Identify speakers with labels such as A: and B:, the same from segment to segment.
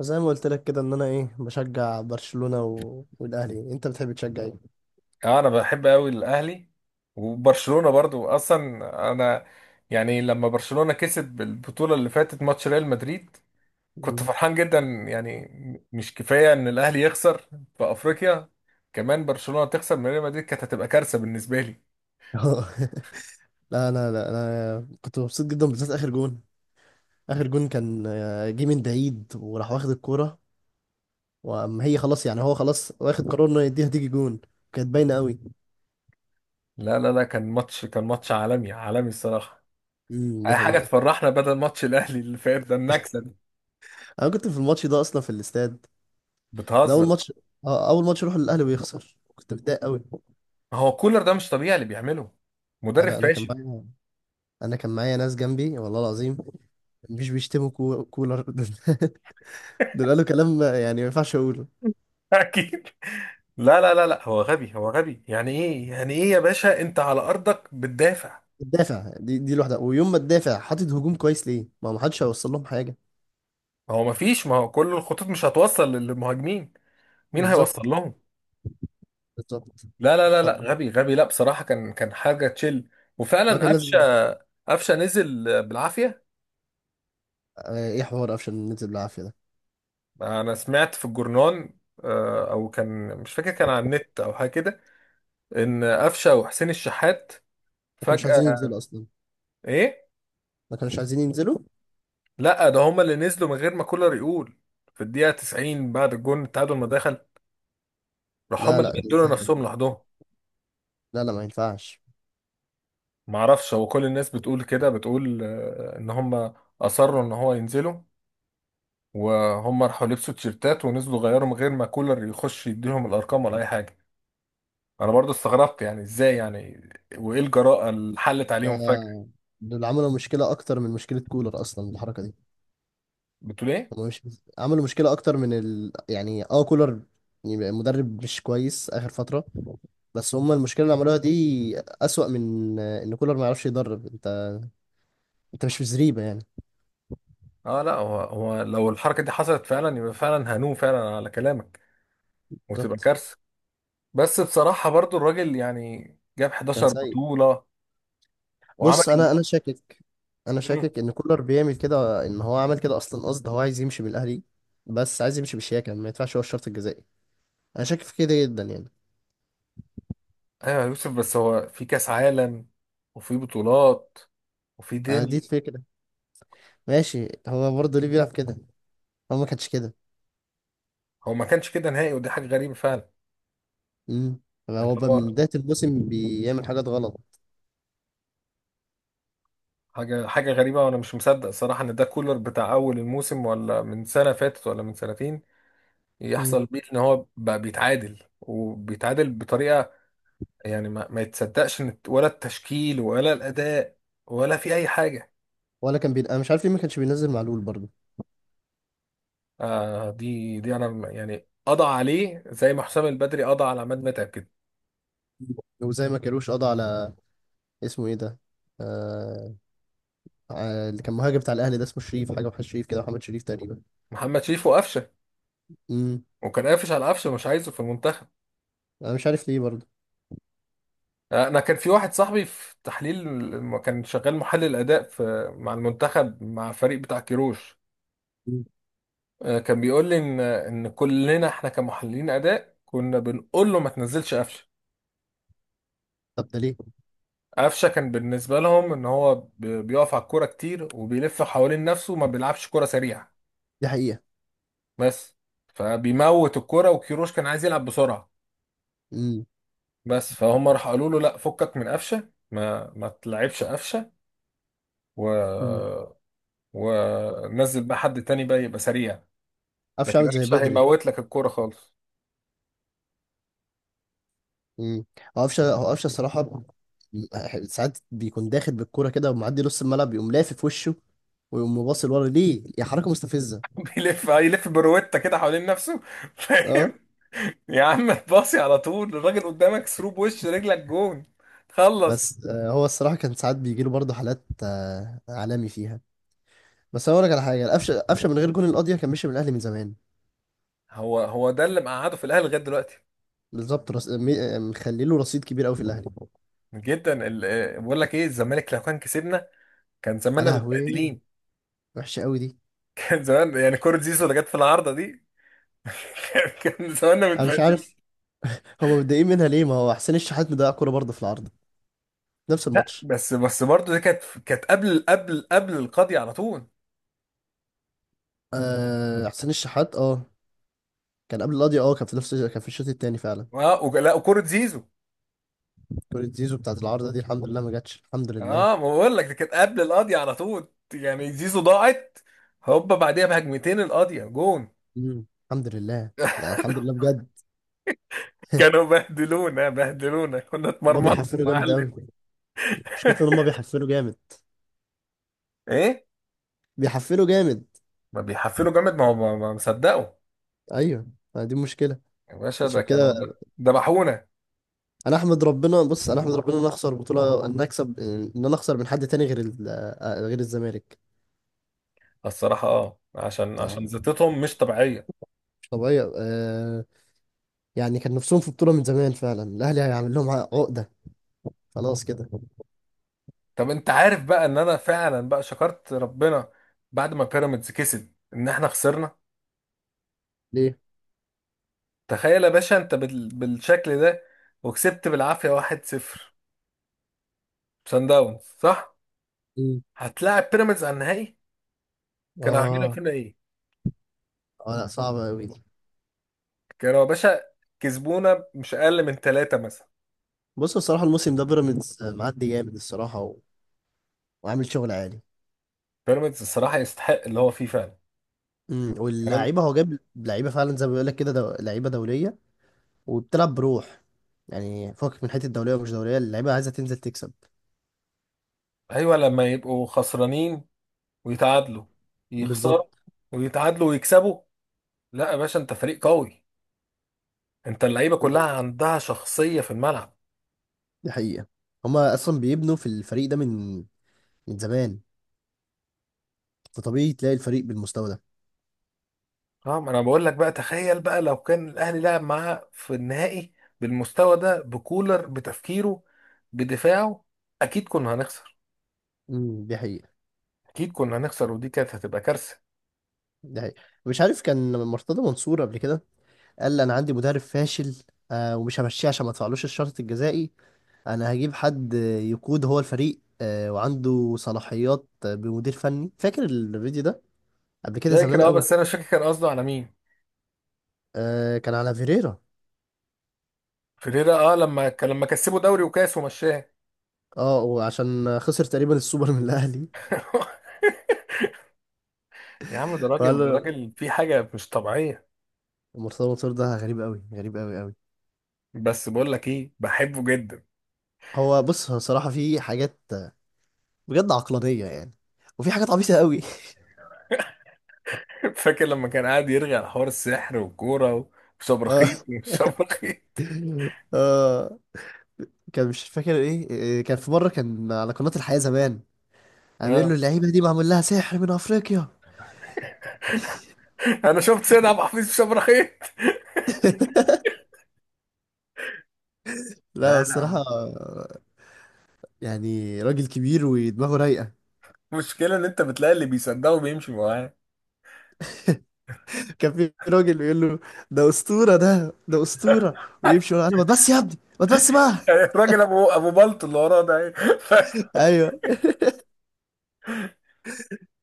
A: زي ما قلت لك كده ان انا ايه بشجع برشلونة والاهلي. انت بتحب تشجع ايه؟
B: اه، انا بحب قوي الاهلي. وبرشلونة برضو اصلا. انا يعني لما برشلونة كسب البطولة اللي فاتت ماتش ريال مدريد كنت
A: مم.
B: فرحان جدا يعني. مش كفاية ان الاهلي يخسر في افريقيا، كمان برشلونة تخسر من ريال مدريد كانت هتبقى كارثة بالنسبة لي.
A: لا انا كنت مبسوط جدا بالذات اخر جون. اخر جون كان جه من بعيد وراح واخد الكورة. واما هي خلاص يعني هو خلاص واخد قرار انه يديها تيجي جون، كانت باينة قوي.
B: لا لا لا، كان ماتش عالمي عالمي الصراحة.
A: دي
B: اي حاجة
A: حقيقة.
B: تفرحنا بدل ماتش الاهلي اللي فات ده، النكسة دي.
A: انا كنت في الماتش ده اصلا في الاستاد. ده اول
B: بتهزر؟
A: ماتش. اول ماتش اروح للاهلي ويخسر، كنت متضايق قوي.
B: هو كولر ده مش طبيعي اللي بيعمله، مدرب
A: انا انا كان
B: فاشل.
A: معايا انا كان معايا ناس جنبي والله العظيم. مش بيشتموا كولر. دول قالوا كلام يعني ما ينفعش اقوله.
B: اكيد. لا لا لا لا، هو غبي هو غبي. يعني ايه يعني ايه يا باشا، انت على ارضك بتدافع.
A: الدافع دي لوحدها، ويوم ما تدافع حاطط هجوم كويس ليه؟ ما هو ما حدش هيوصل لهم حاجه.
B: هو مفيش، ما هو كل الخطوط مش هتوصل للمهاجمين، مين هيوصل
A: بالظبط.
B: لهم؟
A: بالظبط.
B: لا لا لا
A: طب
B: لا، غبي غبي، لا بصراحة كان حاجة تشيل.
A: هو
B: وفعلا
A: كان
B: قفشة
A: لازم.
B: قفشة نزل بالعافية.
A: ايه حوار قفشة ننزل بالعافيه ده؟
B: انا سمعت في الجورنان، او كان مش فاكر، كان على النت او حاجة كده، ان قفشة وحسين الشحات
A: ما كانوش عايزين
B: فجأة.
A: ينزلوا اصلا،
B: ايه؟
A: ما كانوش عايزين ينزلوا.
B: لا، ده هما اللي نزلوا من غير ما كولر يقول، في الدقيقة 90 بعد الجون التعادل ما دخل، راح هم
A: لا،
B: اللي
A: لا، ده
B: بدلوا
A: ازاي ده؟
B: نفسهم لوحدهم.
A: لا، لا، ما ينفعش
B: ما اعرفش، هو كل الناس بتقول كده، بتقول ان هم اصروا ان هو ينزلوا، وهم راحوا لبسوا تيشيرتات ونزلوا غيروا من غير ما كولر يخش يديهم الارقام ولا اي حاجه. انا برضو استغربت يعني، ازاي يعني؟ وايه الجراءه اللي حلت
A: ده.
B: عليهم فجاه؟
A: دول عملوا مشكله اكتر من مشكله كولر اصلا الحركه دي.
B: بتقول ايه؟
A: هما مش عملوا مشكلة أكتر من ال... يعني اه كولر. يبقى مدرب مش كويس آخر فترة. بس هما المشكلة اللي عملوها دي أسوأ من إن كولر ما يعرفش يدرب. أنت مش في زريبة يعني.
B: اه لا، هو لو الحركه دي حصلت فعلا يبقى فعلا هنوم فعلا على كلامك، وتبقى
A: بالظبط.
B: كارثه. بس بصراحه برضو الراجل يعني جاب
A: كان
B: 11
A: سيء.
B: بطوله وعمل
A: بص، أنا
B: إنجاز.
A: شاكك إن كولر بيعمل كده، إن هو عمل كده أصلا قصد. هو عايز يمشي من الأهلي بس عايز يمشي بالشياكة ما يدفعش هو الشرط الجزائي. أنا شاكك في كده جدا يعني.
B: ايوه يا يوسف، بس هو في كاس عالم، وفي بطولات، وفي
A: دي
B: دنيا.
A: الفكرة. ماشي، هو برضه ليه بيلعب كده؟ هو ما كانش كده.
B: هو ما كانش كده نهائي، ودي حاجه غريبه فعلا.
A: امم
B: اللي
A: هو بقى
B: هو
A: من بداية الموسم بيعمل حاجات غلط.
B: حاجه غريبه، وانا مش مصدق صراحه ان ده كولر بتاع اول الموسم ولا من سنه فاتت ولا من سنتين،
A: مم.
B: يحصل بيه ان هو بقى بيتعادل وبيتعادل بطريقه. يعني ما يتصدقش ولا التشكيل ولا الاداء ولا في اي حاجه.
A: ولا كان انا مش عارف ليه ما كانش بينزل معلول برضه.
B: آه، دي انا يعني قضى عليه زي ما حسام البدري قضى على عماد متعب كده.
A: وزي ما كانوش قضى على اسمه ايه ده؟ آه... اللي كان مهاجم بتاع الاهلي ده اسمه شريف حاجه، محمد شريف كده، محمد شريف تقريبا.
B: محمد شريف وقفشه،
A: امم
B: وكان قافش على قفشه مش عايزه في المنتخب.
A: انا مش عارف ليه برضه.
B: انا كان في واحد صاحبي في تحليل، لما كان شغال محلل اداء في مع المنتخب، مع الفريق بتاع كيروش،
A: مم.
B: كان بيقول لي ان كلنا احنا كمحللين اداء كنا بنقول له ما تنزلش قفشه.
A: طب ده ليه؟
B: قفشه كان بالنسبه لهم ان هو بيقف على الكوره كتير وبيلف حوالين نفسه وما بيلعبش كوره سريعه
A: دي حقيقه.
B: بس، فبيموت الكوره، وكيروش كان عايز يلعب بسرعه
A: امم
B: بس. فهم راح قالوا له لا، فكك من قفشه، ما تلعبش قفشه. و
A: امم
B: ونزل بقى حد تاني بقى يبقى سريع،
A: قفشه
B: لكن
A: عامل زي
B: قفشه
A: بدري.
B: هيموت لك الكوره خالص.
A: امم هو قفشه الصراحه ساعات بيكون داخل بالكوره كده ومعدي نص الملعب يقوم لافف وشه، ويقوم باصل ورا ليه؟ يا حركه مستفزه.
B: بيلف، هيلف بروتة كده حوالين نفسه.
A: اه.
B: فاهم؟ يا عم باصي على طول، الراجل قدامك، ثرو بوش رجلك جون، خلص.
A: بس هو الصراحه كان ساعات بيجيله برضه حالات عالمي فيها. بس هقول لك على حاجه، قفشه قفشه من غير جون القضيه كان مشي من الاهلي من زمان.
B: هو ده اللي مقعده في الاهلي لغايه دلوقتي.
A: بالظبط. مخلي له رصيد كبير قوي في الاهلي.
B: جدا. بقول لك ايه، الزمالك لو كان كسبنا كان
A: يا
B: زماننا
A: لهوي،
B: متبهدلين.
A: وحشه قوي دي.
B: كان زمان يعني، كوره زيزو اللي جت في العارضه دي، كان، كان زماننا
A: انا مش عارف
B: متبهدلين.
A: هم متضايقين منها ليه؟ ما هو حسين الشحات مضيع كوره برضه في العارضه، نفس
B: لا،
A: الماتش.
B: بس برضه دي كانت، كانت قبل قبل قبل القاضي على طول.
A: حسين الشحات، اه كان قبل القضيه. اه كان في الشوط الثاني فعلا.
B: اه لا، وكوره زيزو،
A: كوره زيزو بتاعت العارضه دي الحمد لله ما جاتش، الحمد
B: اه
A: لله.
B: ما بقول لك، دي كانت قبل القاضية على طول. يعني زيزو ضاعت، هوبا بعديها بهجمتين القاضية جون.
A: مم. الحمد لله. لا، الحمد لله بجد.
B: كانوا بهدلونا بهدلونا، كنا
A: هما
B: اتمرمطنا يا
A: بيحفلوا جامد
B: معلم.
A: قوي. مشكلته ان هما بيحفلوا جامد.
B: ايه؟
A: بيحفلوا جامد.
B: ما بيحفلوا جامد، ما هو ما مصدقوا.
A: ايوه، ما دي مشكله،
B: يا باشا ده
A: عشان
B: كانوا
A: كده.
B: ذبحونا.
A: انا احمد ربنا ان أنا اخسر بطوله ان أنا اكسب. ان انا اخسر من حد تاني غير غير الزمالك.
B: الصراحة اه، عشان
A: آه،
B: عشان زيطتهم مش طبيعية.
A: مش طبيعيه. يعني كان نفسهم في بطوله من زمان فعلا، الاهلي هيعمل لهم عقده خلاص كده.
B: طب انت عارف بقى ان انا فعلا بقى شكرت ربنا بعد ما بيراميدز كسب ان احنا خسرنا.
A: ليه؟
B: تخيل يا باشا انت بال... بالشكل ده، وكسبت بالعافية 1-0، سان داونز، صح؟
A: مم.
B: هتلاعب بيراميدز على النهائي، كانوا عاملين
A: اه،
B: فينا ايه؟
A: اه، لا، صعبه قوي دي.
B: كانوا يا باشا كسبونا مش اقل من ثلاثة مثلا.
A: بص بصراحه الموسم ده بيراميدز معدي جامد الصراحه وعامل شغل عالي.
B: بيراميدز الصراحة يستحق اللي هو فيه فعلا. يعني أنا.
A: واللعيبه هو جاب لعيبه فعلا زي ما بيقول لك كده، لعيبه دوليه وبتلعب بروح. يعني فوق من حته، دوليه ومش دوليه اللعيبه عايزه تنزل تكسب.
B: ايوه، لما يبقوا خسرانين ويتعادلوا، يخسروا
A: بالظبط.
B: ويتعادلوا ويكسبوا، لا يا باشا، انت فريق قوي، انت اللعيبة كلها عندها شخصية في الملعب.
A: دي حقيقة. هما أصلا بيبنوا في الفريق ده من زمان. فطبيعي تلاقي الفريق بالمستوى ده.
B: اه، ما انا بقول لك بقى، تخيل بقى لو كان الاهلي لعب معاه في النهائي بالمستوى ده، بكولر، بتفكيره، بدفاعه، اكيد كنا هنخسر.
A: دي حقيقة.
B: اكيد كنا هنخسر، ودي كانت هتبقى كارثه.
A: دي حقيقة. مش عارف كان مرتضى منصور قبل كده قال أنا عندي مدرب فاشل ومش همشيه عشان ما ادفعلوش الشرط الجزائي. أنا هجيب حد يقود هو الفريق وعنده صلاحيات بمدير فني. فاكر الفيديو ده؟ قبل كده
B: فاكر
A: زمان
B: اه،
A: قوي.
B: بس انا مش فاكر كان قصده على مين.
A: كان على فيريرا.
B: فيريرا، اه لما كان، لما كسبوا دوري وكاس ومشاه.
A: اه، وعشان خسر تقريبا السوبر من الأهلي.
B: يا عم ده راجل، ده
A: وقال
B: راجل في حاجه مش طبيعيه.
A: مرتضى منصور ده غريب قوي، غريب قوي قوي.
B: بس بقول لك ايه، بحبه جدا.
A: هو بص هو صراحة في حاجات بجد عقلانية يعني، وفي حاجات عبيطة قوي.
B: فاكر لما كان قاعد يرغي على حوار السحر والكوره، وشبرخيط
A: اه،
B: وشبرخيط.
A: اه، كان مش فاكر ايه. كان في مرة كان على قناة الحياة زمان، عامل له
B: اه
A: اللعيبة دي معمول لها سحر من افريقيا.
B: انا شفت سيد عبد الحفيظ في شبرخيط.
A: لا، هو
B: لا
A: الصراحة
B: لا،
A: يعني راجل كبير ودماغه رايقة.
B: المشكله ان انت بتلاقي اللي بيصدقه بيمشي معاه.
A: كان في راجل يقول له ده أسطورة، ده أسطورة، ويمشي يقول له ما تبص يا ابني ما تبص بقى.
B: الراجل ابو بلط اللي وراه ده ايه؟
A: ايوه.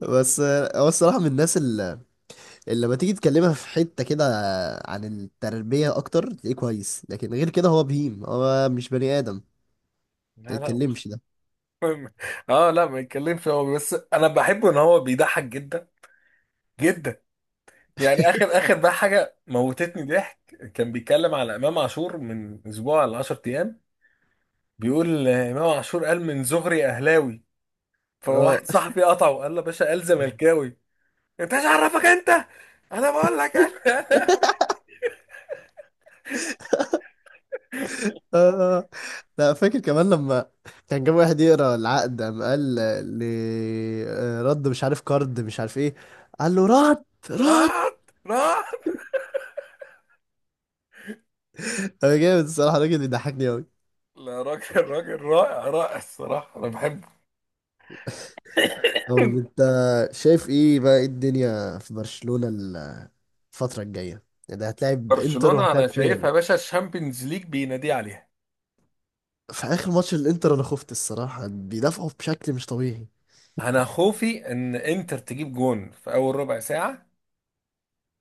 A: بس هو الصراحة من الناس اللي لما تيجي تكلمها في حتة كده عن التربية أكتر تلاقيه كويس، لكن غير كده هو بهيم هو مش بني آدم ما
B: لا لا،
A: يتكلمش ده.
B: اه لا ما يتكلمش، هو بس انا بحبه ان هو بيضحك جدا جدا. يعني اخر، اخر بقى حاجه موتتني ضحك، كان بيتكلم على امام عاشور من اسبوع ل 10 ايام، بيقول امام عاشور قال من زهري اهلاوي، فواحد
A: اه.
B: صاحبي قطعه وقال له يا باشا قال زملكاوي، انت ايش عرفك انت؟ انا بقول لك انا.
A: آه. لا، فاكر كمان لما كان جاب واحد يقرا العقد قام قال ل رد مش عارف كارد مش عارف ايه. قال له رد. رد.
B: رعت رعت.
A: انا جامد الصراحة، الراجل بيضحكني أوي.
B: لا راجل، راجل رائع رائع الصراحه، انا بحبه.
A: طب انت شايف ايه بقى؟ إيه الدنيا في برشلونة الفترة الجاية؟ ده هتلاعب انتر
B: برشلونه
A: وهتلاعب
B: انا شايفها
A: ريال.
B: يا باشا الشامبيونز ليج بينادي عليها.
A: في اخر ماتش الانتر انا خفت الصراحه، بيدافعوا بشكل مش طبيعي.
B: انا خوفي ان انتر تجيب جون في اول ربع ساعه،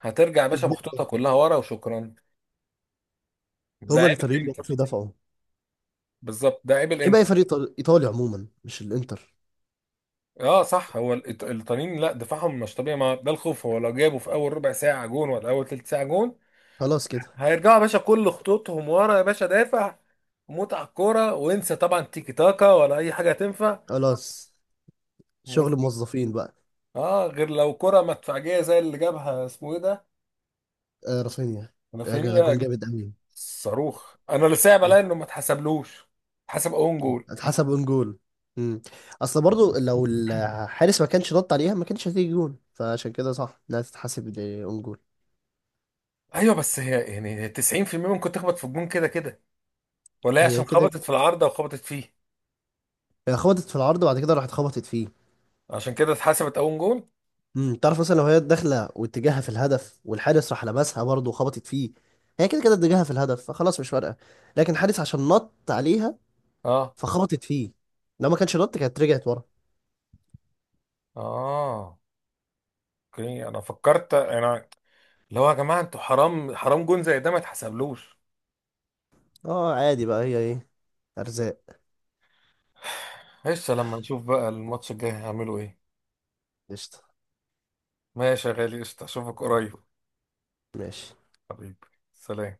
B: هترجع يا باشا
A: والدفاع.
B: بخطوطها كلها ورا وشكرا. ده
A: هما
B: عيب
A: الايطاليين بيعرفوا
B: الانتر.
A: يدافعوا.
B: بالظبط، ده عيب
A: عيب اي
B: الانتر.
A: فريق ايطالي عموما، مش الانتر.
B: اه صح، هو الايطاليين لا دفاعهم مش طبيعي. ما ده الخوف، هو لو جابوا في اول ربع ساعه جون ولا اول تلت ساعه جون،
A: خلاص كده.
B: هيرجعوا يا باشا كل خطوطهم ورا، يا باشا دافع، موت على الكوره وانسى طبعا تيكي تاكا ولا اي حاجه تنفع.
A: خلاص شغل موظفين بقى.
B: اه، غير لو كرة مدفعجيه زي اللي جابها اسمه ايه ده.
A: رافينيا. يا جدع، جون
B: رافينيا.
A: جامد قوي.
B: صاروخ، انا لسه
A: آه،
B: بلاقي انه ما اتحسبلوش. حسب اون جول.
A: اتحسب اون جول. مم. اصل برضو لو الحارس ما كانش نط عليها ما كانش هتيجي جون، فعشان كده صح انها تتحسب اون جول.
B: ايوه بس هي يعني 90% ممكن تخبط في الجون كده كده، ولا هي
A: هي
B: عشان
A: كده،
B: خبطت في العارضه وخبطت فيه.
A: هي خبطت في العرض وبعد كده راحت خبطت فيه.
B: عشان كده اتحسبت اون جول.
A: تعرف مثلا لو هي داخله واتجاهها في الهدف والحارس راح لمسها برضه وخبطت فيه، هي كده كده اتجاهها في الهدف فخلاص مش فارقه. لكن الحارس عشان نط عليها
B: اه،
A: فخبطت فيه، لو ما كانش نط كانت رجعت ورا.
B: اه اوكي. انا فكرت انا، اللي هو يا جماعه انتوا حرام، حرام جون زي ده ما اتحسبلوش.
A: اه، عادي بقى، هي ايه؟ ارزاق.
B: قشطه، لما نشوف بقى الماتش الجاي هيعملوا ايه.
A: قشطه.
B: ماشي يا غالي، قشطه، اشوفك قريب.
A: ماشي.
B: حبيبي، سلام.